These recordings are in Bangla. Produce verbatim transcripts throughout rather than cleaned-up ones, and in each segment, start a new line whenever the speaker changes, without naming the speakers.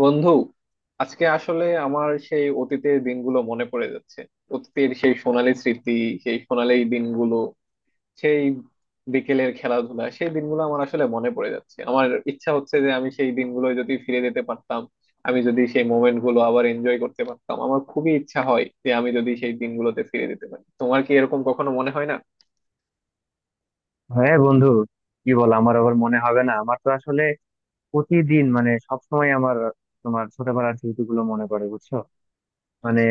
বন্ধু, আজকে আসলে আমার সেই অতীতের দিনগুলো মনে পড়ে যাচ্ছে। অতীতের সেই সোনালী স্মৃতি, সেই সোনালী দিনগুলো, সেই বিকেলের খেলাধুলা, সেই দিনগুলো আমার আসলে মনে পড়ে যাচ্ছে। আমার ইচ্ছা হচ্ছে যে আমি সেই দিনগুলো যদি ফিরে যেতে পারতাম, আমি যদি সেই মোমেন্ট গুলো আবার এনজয় করতে পারতাম। আমার খুবই ইচ্ছা হয় যে আমি যদি সেই দিনগুলোতে ফিরে যেতে পারি। তোমার কি এরকম কখনো মনে হয় না?
হ্যাঁ বন্ধু, কি বল আমার আবার মনে হবে না? আমার তো আসলে প্রতিদিন মানে সবসময় আমার তোমার ছোটবেলার স্মৃতিগুলো মনে পড়ে, বুঝছো? মানে
আচ্ছা,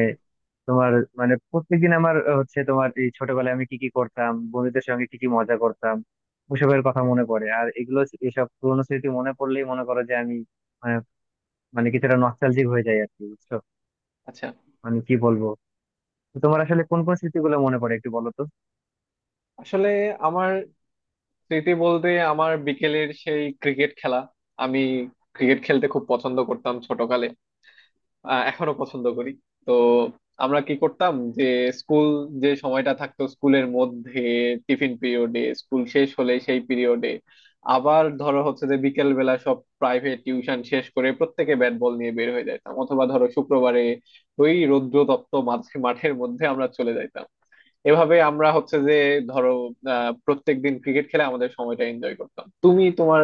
তোমার মানে প্রত্যেকদিন আমার আহ, হচ্ছে তোমার এই ছোটবেলায় আমি কি কি করতাম, বন্ধুদের সঙ্গে কি কি মজা করতাম, ওসবের কথা মনে পড়ে। আর এগুলো এসব পুরোনো স্মৃতি মনে পড়লেই মনে করো যে আমি, মানে মানে কিছুটা নস্টালজিক হয়ে যাই আর কি, বুঝছো?
আচ্ছা।
মানে কি বলবো তো তোমার আসলে কোন কোন স্মৃতিগুলো মনে পড়ে, একটু বলো তো।
আসলে আমার স্মৃতি বলতে আমার বিকেলের সেই ক্রিকেট খেলা। আমি ক্রিকেট খেলতে খুব পছন্দ করতাম ছোটকালে। আহ, এখনো পছন্দ করি। তো আমরা কি করতাম যে, স্কুল, যে সময়টা থাকতো স্কুলের মধ্যে টিফিন পিরিয়ডে, স্কুল শেষ হলে সেই পিরিয়ডে, আবার ধরো হচ্ছে যে বিকেল বেলা সব প্রাইভেট টিউশন শেষ করে প্রত্যেকে ব্যাট বল নিয়ে বের হয়ে যাইতাম, অথবা ধরো শুক্রবারে ওই রৌদ্রতপ্ত মাঝ- মাঠের মধ্যে আমরা চলে যাইতাম। এভাবে আমরা হচ্ছে যে ধরো, আহ প্রত্যেক দিন ক্রিকেট খেলে আমাদের সময়টা এনজয় করতাম। তুমি তোমার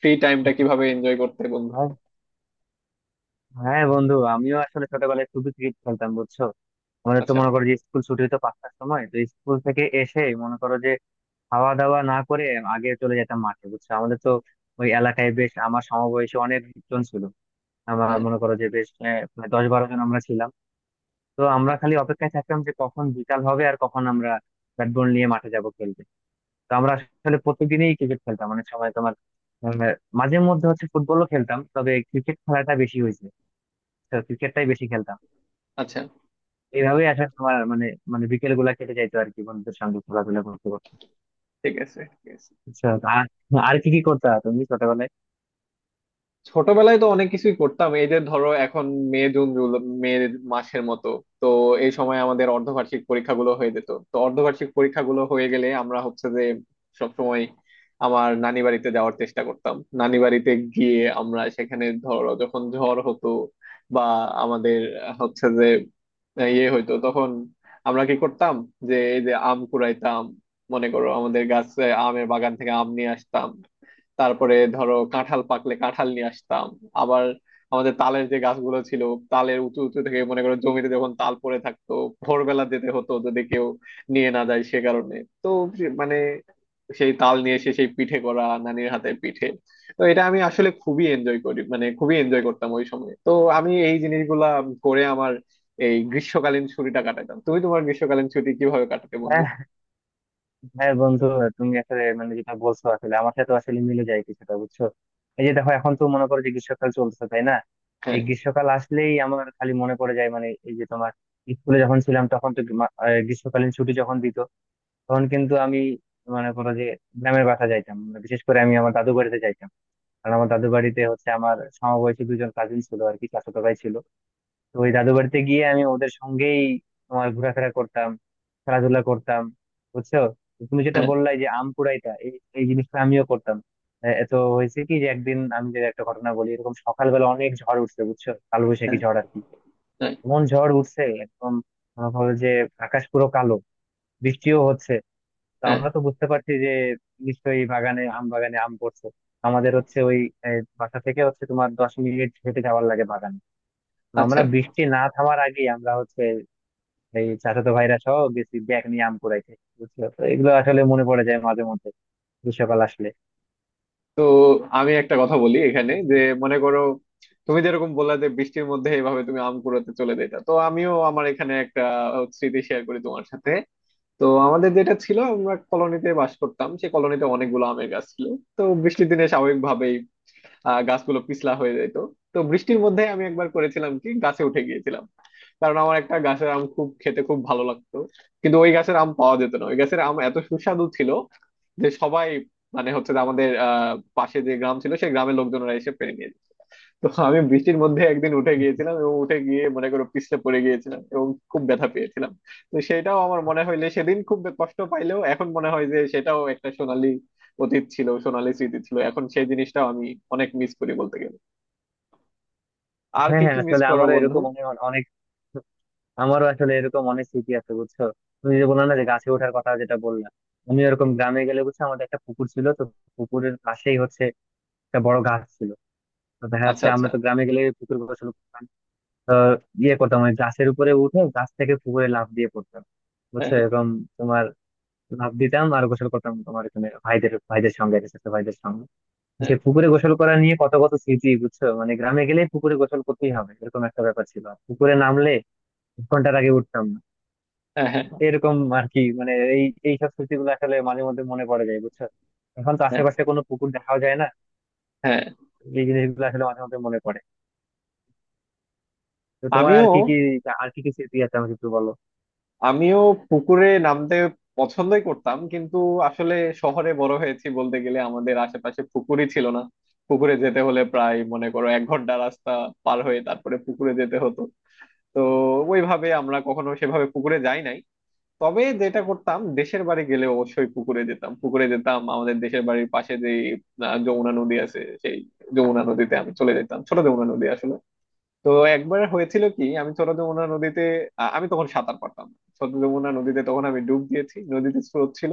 ফ্রি টাইমটা কিভাবে এনজয় করতে বন্ধু?
হ্যাঁ হ্যাঁ বন্ধু, আমিও আসলে ছোটবেলায় খুবই ক্রিকেট খেলতাম, বুঝছো। আমাদের তো
আচ্ছা।
মনে করো যে স্কুল ছুটি হতো পাঁচটার সময়, তো স্কুল থেকে এসে মনে করো যে খাওয়া দাওয়া না করে আগে চলে যেতাম মাঠে, বুঝছো। আমাদের তো ওই এলাকায় বেশ আমার সমবয়সী অনেকজন ছিল। আমার
হ্যাঁ,
মনে করো যে বেশ আহ, মানে দশ বারো জন আমরা ছিলাম। তো আমরা
হ্যাঁ।
খালি অপেক্ষায় থাকতাম যে কখন বিকাল হবে আর কখন আমরা ব্যাট বল নিয়ে মাঠে যাব খেলতে। তো আমরা আসলে প্রত্যেকদিনই ক্রিকেট খেলতাম। অনেক সময় তোমার আহ, মাঝে মধ্যে হচ্ছে ফুটবলও খেলতাম, তবে ক্রিকেট খেলাটা বেশি হয়েছে, ক্রিকেটটাই বেশি খেলতাম।
আচ্ছা।
এইভাবেই আসলে তোমার মানে মানে বিকেল গুলা কেটে যাইতো আর কি, বন্ধুদের সঙ্গে খেলাধুলা করতে করতে।
ঠিক আছে, ঠিক আছে।
আচ্ছা, আর আর কি কি করতে তুমি ছোটবেলায়?
ছোটবেলায় তো অনেক কিছুই করতাম। এই যে ধরো এখন মে জুন জুলাই, মে মাসের মতো, তো এই সময় আমাদের অর্ধবার্ষিক পরীক্ষাগুলো হয়ে যেত। তো অর্ধবার্ষিক পরীক্ষাগুলো হয়ে গেলে আমরা হচ্ছে যে সবসময় আমার নানি বাড়িতে যাওয়ার চেষ্টা করতাম। নানি বাড়িতে গিয়ে আমরা সেখানে ধরো যখন ঝড় হতো, বা আমাদের হচ্ছে যে ইয়ে হইতো তখন আমরা কি করতাম যে, এই যে আম কুড়াইতাম, মনে করো আমাদের গাছে আমের বাগান থেকে আম নিয়ে আসতাম। তারপরে ধরো কাঁঠাল পাকলে কাঁঠাল নিয়ে আসতাম। আবার আমাদের তালের যে গাছগুলো ছিল, তালের উঁচু উঁচু থেকে মনে করো জমিতে যখন তাল পড়ে থাকতো, ভোরবেলা যেতে হতো, যদি কেউ নিয়ে না যায় সে কারণে। তো সে- মানে সেই তাল নিয়ে এসে সেই পিঠে করা নানির হাতে পিঠে। তো এটা আমি আসলে খুবই এনজয় করি, মানে খুবই এনজয় করতাম ওই সময়। তো আমি এই জিনিসগুলা করে আমার এই গ্রীষ্মকালীন ছুটিটা কাটাতাম। তুমি তোমার গ্রীষ্মকালীন ছুটি কিভাবে কাটাতে বন্ধু?
হ্যাঁ হ্যাঁ বন্ধু, তুমি আসলে মানে যেটা বলছো আসলে আমার সাথে আসলে মিলে যায় কিছুটা, বুঝছো। এই যে দেখো, এখন তো মনে করো যে গ্রীষ্মকাল চলছে, তাই না? এই
হ্যাঁ,
গ্রীষ্মকাল আসলেই আমার খালি মনে পড়ে যায়। মানে এই যে তোমার স্কুলে যখন ছিলাম তখন তো গ্রীমা- আহ, গ্রীষ্মকালীন ছুটি যখন দিত তখন কিন্তু আমি মনে করো যে গ্রামের বাসা যাইতাম, মানে বিশেষ করে আমি আমার দাদু বাড়িতে যাইতাম। কারণ আমার দাদু বাড়িতে হচ্ছে আমার সমবয়সী দুজন কাজিন ছিল আর কি, চাচাতো ভাই ছিল। তো ওই দাদু বাড়িতে গিয়ে আমি ওদের সঙ্গেই তোমার ঘোরাফেরা করতাম, খেলাধুলা করতাম, বুঝছো। তো তুমি যেটা
হ্যাঁ,
বললাই যে আম কুড়াইটা, এই এই জিনিসটা আমিও করতাম। এ- এত হয়েছে কি, যে একদিন আমি যে একটা ঘটনা বলি, এরকম সকালবেলা অনেক ঝড় উঠছে, বুঝছো, কালবৈশাখী
হ্যাঁ,
ঝড় আর কি।
হ্যাঁ,
এমন ঝড় উঠছে একদম, মনে করো যে আকাশ পুরো কালো, বৃষ্টিও হচ্ছে। তো
হ্যাঁ।
আমরা তো বুঝতে পারছি যে নিশ্চয়ই বাগানে আম বাগানে আম পড়ছে। আমাদের হচ্ছে ওই আহ, বাসা থেকে হচ্ছে তোমার দশ মিনিট হেঁটে যাওয়ার লাগে বাগানে। তো
আচ্ছা।
আমরা বৃষ্টি না থামার আগে আমরা হচ্ছে এই চাচাতো ভাইরা সহ গেছি ব্যাগ নিয়ে আম কুড়াইতে, বুঝছো। তো এগুলো আসলে মনে পড়ে যায় মাঝে মধ্যে, গ্রীষ্মকাল আসলে।
তো আমি একটা কথা বলি এখানে যে, মনে করো তুমি যেরকম বললা যে বৃষ্টির মধ্যে এইভাবে তুমি আম কুড়াতে চলে যেতা, তো আমিও আমার এখানে একটা স্মৃতি শেয়ার করি তোমার সাথে। তো আমাদের যেটা ছিল, আমরা কলোনিতে বাস করতাম, সেই কলোনিতে অনেকগুলো আমের গাছ ছিল। তো বৃষ্টির দিনে স্বাভাবিকভাবেই আহ গাছগুলো পিছলা হয়ে যেত। তো বৃষ্টির মধ্যে আমি একবার করেছিলাম কি, গাছে উঠে গিয়েছিলাম, কারণ আমার একটা গাছের আম খুব খেতে খুব ভালো লাগতো। কিন্তু ওই গাছের আম পাওয়া যেত না, ওই গাছের আম এত সুস্বাদু ছিল যে সবাই, মানে হচ্ছে যে, আমাদের আহ পাশে যে গ্রাম ছিল সেই গ্রামের লোকজনরা এসে পেরে নিয়ে যেত। তো আমি বৃষ্টির মধ্যে একদিন উঠে গিয়েছিলাম, এবং উঠে গিয়ে মনে করো পিছলে পড়ে গিয়েছিলাম, এবং খুব ব্যথা পেয়েছিলাম। তো সেটাও আমার মনে হইলে, সেদিন খুব কষ্ট পাইলেও এখন মনে হয় যে সেটাও একটা সোনালী অতীত ছিল, সোনালী স্মৃতি ছিল। এখন সেই জিনিসটা আমি অনেক মিস করি বলতে গেলে। আর
হ্যাঁ
কি
হ্যাঁ
কি মিস
আসলে
করো
আমারও
বন্ধু?
এরকম অনেক অনেক আমারও আসলে এরকম অনেক স্মৃতি আছে, বুঝছো। তুমি যে বললে না যে গাছে ওঠার কথা যেটা বললাম, আমি এরকম গ্রামে গেলে, বুঝছো, আমাদের একটা পুকুর ছিল তো, পুকুরের পাশেই হচ্ছে একটা বড় গাছ ছিল। তো দেখা
আচ্ছা,
যাচ্ছে
আচ্ছা।
আমরা তো গ্রামে গেলে পুকুর গোসল করতাম, তো ইয়ে করতাম ওই গাছের উপরে উঠে গাছ থেকে পুকুরে লাফ দিয়ে পড়তাম, বুঝছো।
হ্যাঁ,
এরকম তোমার লাফ দিতাম আর গোসল করতাম, তোমার এখানে ভাইদের ভাইদের সঙ্গে, ছোট ভাইদের সঙ্গে। সে
হ্যাঁ,
পুকুরে গোসল করা নিয়ে কত কত স্মৃতি, বুঝছো। মানে গ্রামে গেলে পুকুরে গোসল করতেই হবে, এরকম একটা ব্যাপার ছিল। আর পুকুরে নামলে এক ঘন্টার আগে উঠতাম না।
হ্যাঁ,
এরকম আর কি। মানে এই এইসব স্মৃতিগুলো আসলে মাঝে মধ্যে মনে পড়ে যায়, বুঝছো। এখন তো
হ্যাঁ,
আশেপাশে কোনো পুকুর দেখাও যায় না।
হ্যাঁ।
এই জিনিসগুলো আসলে মাঝে মধ্যে মনে পড়ে। তো তোমার আর
আমিও
কি কি আর কি কি স্মৃতি আছে, আমাকে একটু বলো।
আমিও পুকুরে নামতে পছন্দই করতাম, কিন্তু আসলে শহরে বড় হয়েছি বলতে গেলে, আমাদের আশেপাশে পুকুরই ছিল না। পুকুরে যেতে হলে প্রায় মনে করো এক ঘন্টা রাস্তা পার হয়ে তারপরে পুকুরে যেতে হতো। তো ওইভাবে আমরা কখনো সেভাবে পুকুরে যাই নাই। তবে যেটা করতাম, দেশের বাড়ি গেলে অবশ্যই পুকুরে যেতাম, পুকুরে যেতাম। আমাদের দেশের বাড়ির পাশে যে আহ, যমুনা নদী আছে সেই যমুনা নদীতে আমি চলে যেতাম, ছোট যমুনা নদী আসলে। তো একবার হয়েছিল কি, আমি ছোট যমুনা নদীতে, আ- আমি তখন সাঁতার পারতাম না। ছোট যমুনা নদীতে তখন আমি ডুব দিয়েছি, নদীতে স্রোত ছিল।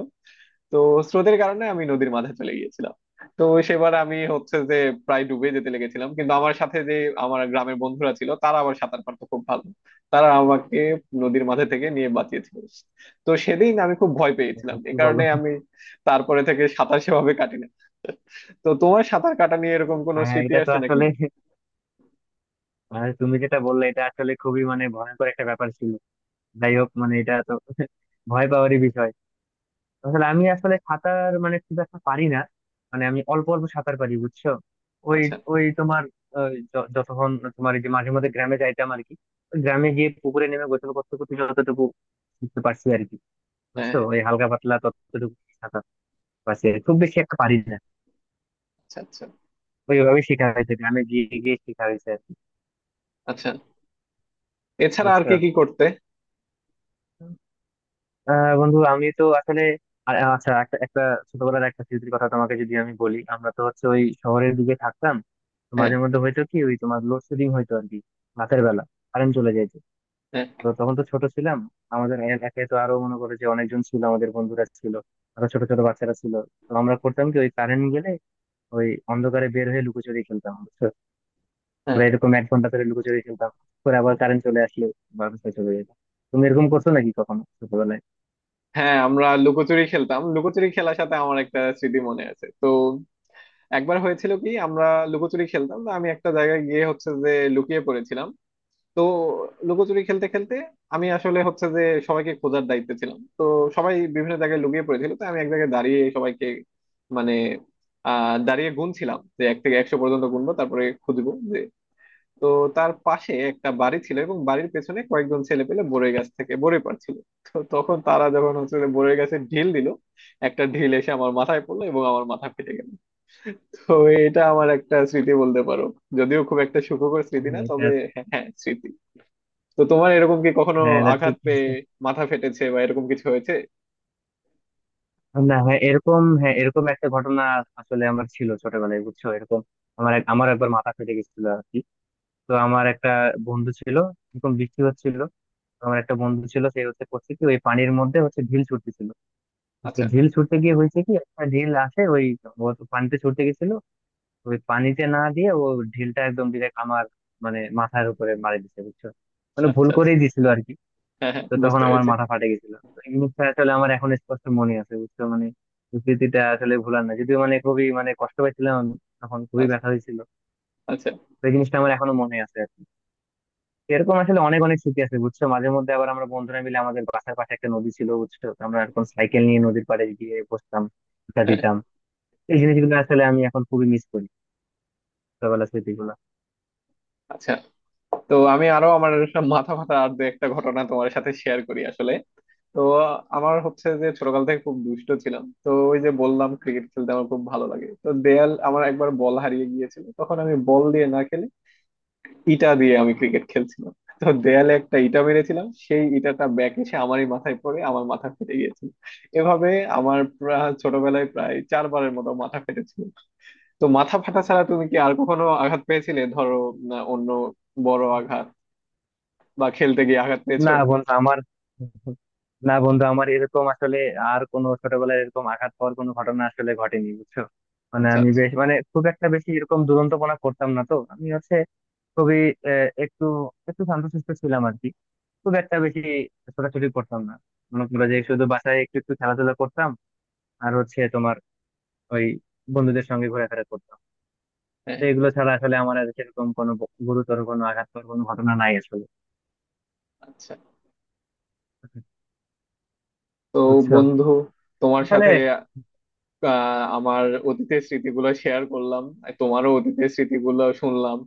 তো স্রোতের কারণে আমি নদীর মাঝে চলে গিয়েছিলাম। তো সেবার আমি হচ্ছে যে প্রায় ডুবে যেতে লেগেছিলাম, কিন্তু আমার সাথে যে আমার গ্রামের বন্ধুরা ছিল, তারা আবার সাঁতার পারতো খুব ভালো। তারা আমাকে নদীর মাঝে থেকে নিয়ে বাঁচিয়েছিল। তো সেদিন আমি খুব ভয় পেয়েছিলাম,
ভাই,
এ
কি বলো!
কারণে আমি তারপরে থেকে সাঁতার সেভাবে কাটি না। তো তোমার সাঁতার কাটা নিয়ে এরকম কোনো
হ্যাঁ হ্যাঁ,
স্মৃতি
এটা তো
আছে নাকি?
আসলে, আর তুমি যেটা বললে এটা আসলে খুবই, মানে ভয়ঙ্কর একটা ব্যাপার ছিল। যাই হোক, মানে এটা তো ভয় পাওয়ারই বিষয়। আসলে আমি আসলে সাঁতার মানে খুব একটা পারি না, মানে আমি অল্প অল্প সাঁতার পারি, বুঝছো। ওই
আচ্ছা।
ওই তোমার আহ, য- যতক্ষণ তোমার এই যে মাঝে মধ্যে গ্রামে যাইতাম আর কি, ওই গ্রামে গিয়ে পুকুরে নেমে গোসল করতে করতে যতটুকু শিখতে পারছি আর কি,
হ্যাঁ,
বুঝছো।
হ্যাঁ।
ওই হালকা পাতলা ততটুকু সাঁতার পারছি আর কি। খুব বেশি একটা পারি না।
আচ্ছা, আচ্ছা,
ওইভাবে শেখা হয়েছে, গ্রামে গিয়ে গিয়ে শেখা হয়েছে আর কি,
আচ্ছা। এছাড়া আর
বুঝছো।
কি কি করতে?
আহ বন্ধু, আমি তো আসলে আ- আচ্ছা, একটা একটা ছোটবেলার একটা স্মৃতির কথা তোমাকে যদি আমি বলি, আমরা তো হচ্ছে ওই শহরের দিকে থাকতাম। তো
হ্যাঁ,
মাঝে মধ্যে হয়তো কি ওই তোমার লোডশেডিং হয়তো আর কি, রাতের বেলা কারেন্ট চলে যাইতো।
হ্যাঁ,
তো তখন তো ছোট ছিলাম, আমাদের এলাকায় তো আরো মনে করে যে অনেকজন ছিল, আমাদের বন্ধুরা ছিল, আরো ছোট ছোট বাচ্চারা ছিল। তো আমরা করতাম কি ওই কারেন্ট গেলে ওই অন্ধকারে বের হয়ে লুকোচুরি খেলতাম, বুঝছো?
হ্যাঁ,
আমরা এরকম এক ঘন্টা ধরে লুকোচুরি খেলতাম, পরে আবার কারেন্ট চলে আসলে বাসায় চলে যেতাম। তুমি এরকম করছো নাকি কখনো ছোটবেলায়?
হ্যাঁ। আমরা লুকোচুরি খেলতাম। লুকোচুরি খেলার সাথে আমার একটা স্মৃতি মনে আছে। তো একবার হয়েছিল কি, আমরা লুকোচুরি খেলতাম, তো আমি একটা জায়গায় গিয়ে হচ্ছে যে লুকিয়ে পড়েছিলাম। তো লুকোচুরি খেলতে খেলতে আমি আসলে হচ্ছে যে সবাইকে খোঁজার দায়িত্বে ছিলাম। তো সবাই বিভিন্ন জায়গায় লুকিয়ে পড়েছিল, তো আমি এক জায়গায় দাঁড়িয়ে সবাইকে, মানে আহ দাঁড়িয়ে গুনছিলাম যে এক থেকে একশো পর্যন্ত গুনবো তারপরে খুঁজবো। তো তার পাশে একটা বাড়ি ছিল, এবং বাড়ির পেছনে কয়েকজন ছেলে পেলে বরই গাছ থেকে বরই পাড়ছিল। তো তখন তারা যখন হচ্ছে যে বরই গাছে ঢিল দিল, একটা ঢিল এসে আমার মাথায় পড়লো এবং আমার মাথা ফেটে গেল। তো এটা আমার একটা স্মৃতি বলতে পারো, যদিও খুব একটা সুখকর স্মৃতি না,
হ্যাঁ, এটা
তবে। হ্যাঁ, হ্যাঁ, স্মৃতি। তো তোমার এরকম কি কখনো
হ্যাঁ এটা
আঘাত
ঠিক
পেয়ে
আছে।
মাথা ফেটেছে বা এরকম কিছু হয়েছে?
না হ্যাঁ এরকম হ্যাঁ এরকম একটা ঘটনা আসলে আমার ছিল ছোটবেলায়, বুঝছো। এরকম আমার এক- আমার একবার মাথা ফেটে গেছিল আর কি। তো আমার একটা বন্ধু ছিল এরকম বৃষ্টি হচ্ছিল। তো আমার একটা বন্ধু ছিল, সে হচ্ছে করছে কি ওই পানির মধ্যে হচ্ছে ঢিল ছুটতেছিল। তো সে
আচ্ছা,
ঢিল ছুটতে গিয়ে হয়েছে কি, একটা ঢিল আসে ওই, ও তো পানিতে ছুটতে গেছিল, ওই পানিতে না দিয়ে ও ঢিলটা একদম ডিরেক্ট আমার মানে মাথার উপরে মারি দিছে, বুঝছো। মানে
আচ্ছা,
ভুল
আচ্ছা।
করেই দিছিল আর কি।
হ্যাঁ, হ্যাঁ,
তো তখন
বুঝতে
আমার
পেরেছি।
মাথা ফাটে গেছিল। তো এই মুহূর্তে আসলে আমার এখন স্পষ্ট মনে আছে, বুঝছো। মানে স্মৃতিটা আসলে ভুলার না, যদিও মানে খুবই, মানে কষ্ট পাইছিলাম আমি, তখন খুবই
আচ্ছা,
ব্যথা হয়েছিল।
আচ্ছা।
তো এই জিনিসটা আমার এখনো মনে আছে আর কি। এরকম আসলে অনেক অনেক স্মৃতি আছে, বুঝছো। মাঝে মধ্যে আবার আমরা বন্ধুরা মিলে আমাদের বাসার পাশে একটা নদী ছিল, বুঝছো, তো আমরা এরকম সাইকেল নিয়ে নদীর পাড়ে গিয়ে বসতাম, আড্ডা
হ্যাঁ।
দিতাম। এই জিনিসগুলো আসলে আমি এখন খুবই মিস করি, ছোটবেলার স্মৃতিগুলো।
আচ্ছা। তো আমি আরো আমার মাথা ফাটা আর দু একটা ঘটনা তোমার সাথে শেয়ার করি আসলে। তো আমার হচ্ছে যে ছোটকাল থেকে খুব দুষ্ট ছিলাম। তো ওই যে বললাম ক্রিকেট খেলতে আমার খুব ভালো লাগে। তো দেয়াল, আমার একবার বল হারিয়ে গিয়েছিল, তখন আমি বল দিয়ে না খেলে ইটা দিয়ে আমি ক্রিকেট খেলছিলাম। তো দেয়ালে একটা ইটা মেরেছিলাম, সেই ইটাটা ব্যাক এসে আমারই মাথায় পড়ে আমার মাথা ফেটে গিয়েছিল। এভাবে আমার প্রা- ছোটবেলায় প্রায় চারবারের মতো মাথা ফেটেছিল। তো মাথা ফাটা ছাড়া তুমি কি আর কখনো আঘাত পেয়েছিলে ধরো, না, অন্য বড় আঘাত বা খেলতে গিয়ে আঘাত পেয়েছো?
না বন্ধু আমার না বন্ধু, আমার এরকম আসলে আর কোনো ছোটবেলায় এরকম আঘাত পাওয়ার কোনো ঘটনা আসলে ঘটেনি, বুঝছো। মানে
আচ্ছা,
আমি
আচ্ছা।
বেশ, মানে খুব একটা বেশি এরকম দুরন্তপনা করতাম না। তো আমি হচ্ছে খুবই আহ, একটু একটু শান্তশিষ্ট ছিলাম আর কি। খুব একটা বেশি ছোটাছুটি করতাম না। মনে করো যে শুধু বাসায় একটু একটু খেলাধুলা করতাম। আর হচ্ছে তোমার ওই বন্ধুদের সঙ্গে ঘোরাফেরা করতাম।
হ্যাঁ।
তো এগুলো ছাড়া আসলে আমার আর সেরকম কোনো ব- গুরুতর কোনো আঘাত পাওয়ার কোনো ঘটনা নাই আসলে,
আচ্ছা। তো
বুঝছো।
বন্ধু, তোমার
তাহলে,
সাথে আহ, আমার অতীতের স্মৃতিগুলো শেয়ার করলাম, আর তোমারও অতীতের স্মৃতিগুলো শুনলাম।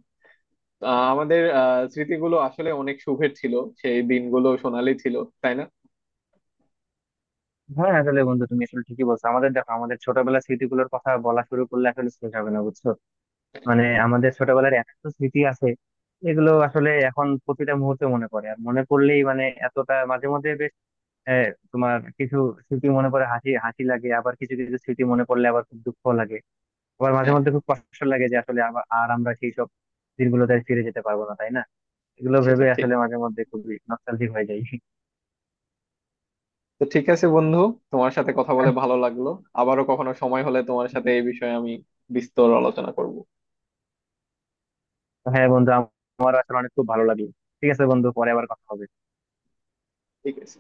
আহ, আমাদের আহ, স্মৃতিগুলো আসলে অনেক সুখের ছিল। সেই দিনগুলো সোনালি ছিল, তাই না?
হ্যাঁ আসলে বন্ধু, তুমি আসলে ঠিকই বলছো, আমাদের দেখো, আমাদের ছোটবেলার স্মৃতিগুলোর কথা বলা শুরু করলে আসলে শেষ হবে না, বুঝছো। মানে আমাদের ছোটবেলার এত স্মৃতি আছে, এগুলো আসলে এখন প্রতিটা মুহূর্তে মনে পড়ে। আর মনে পড়লেই মানে এতটা মাঝে মধ্যে বেশ, আহ, তোমার কিছু স্মৃতি মনে পড়ে হাসি হাসি লাগে, আবার কিছু কিছু স্মৃতি মনে পড়লে আবার খুব দুঃখ লাগে। আবার মাঝে
হ্যাঁ,
মধ্যে খুব কষ্ট লাগে যে আসলে আবার আর আমরা সেই সব দিনগুলোতে আর ফিরে যেতে পারবো না, তাই না। এগুলো
সেটা
ভেবে
ঠিক।
আসলে মাঝে মধ্যে খুবই নস্টালজিক হয়ে যায়।
তো ঠিক আছে বন্ধু, তোমার সাথে কথা বলে ভালো লাগলো। আবারও কখনো সময় হলে তোমার সাথে এই বিষয়ে আমি বিস্তর আলোচনা করব।
হ্যাঁ বন্ধু, আমারও আসলে অনেক খুব ভালো লাগলো। ঠিক আছে বন্ধু, পরে আবার কথা হবে।
ঠিক আছে।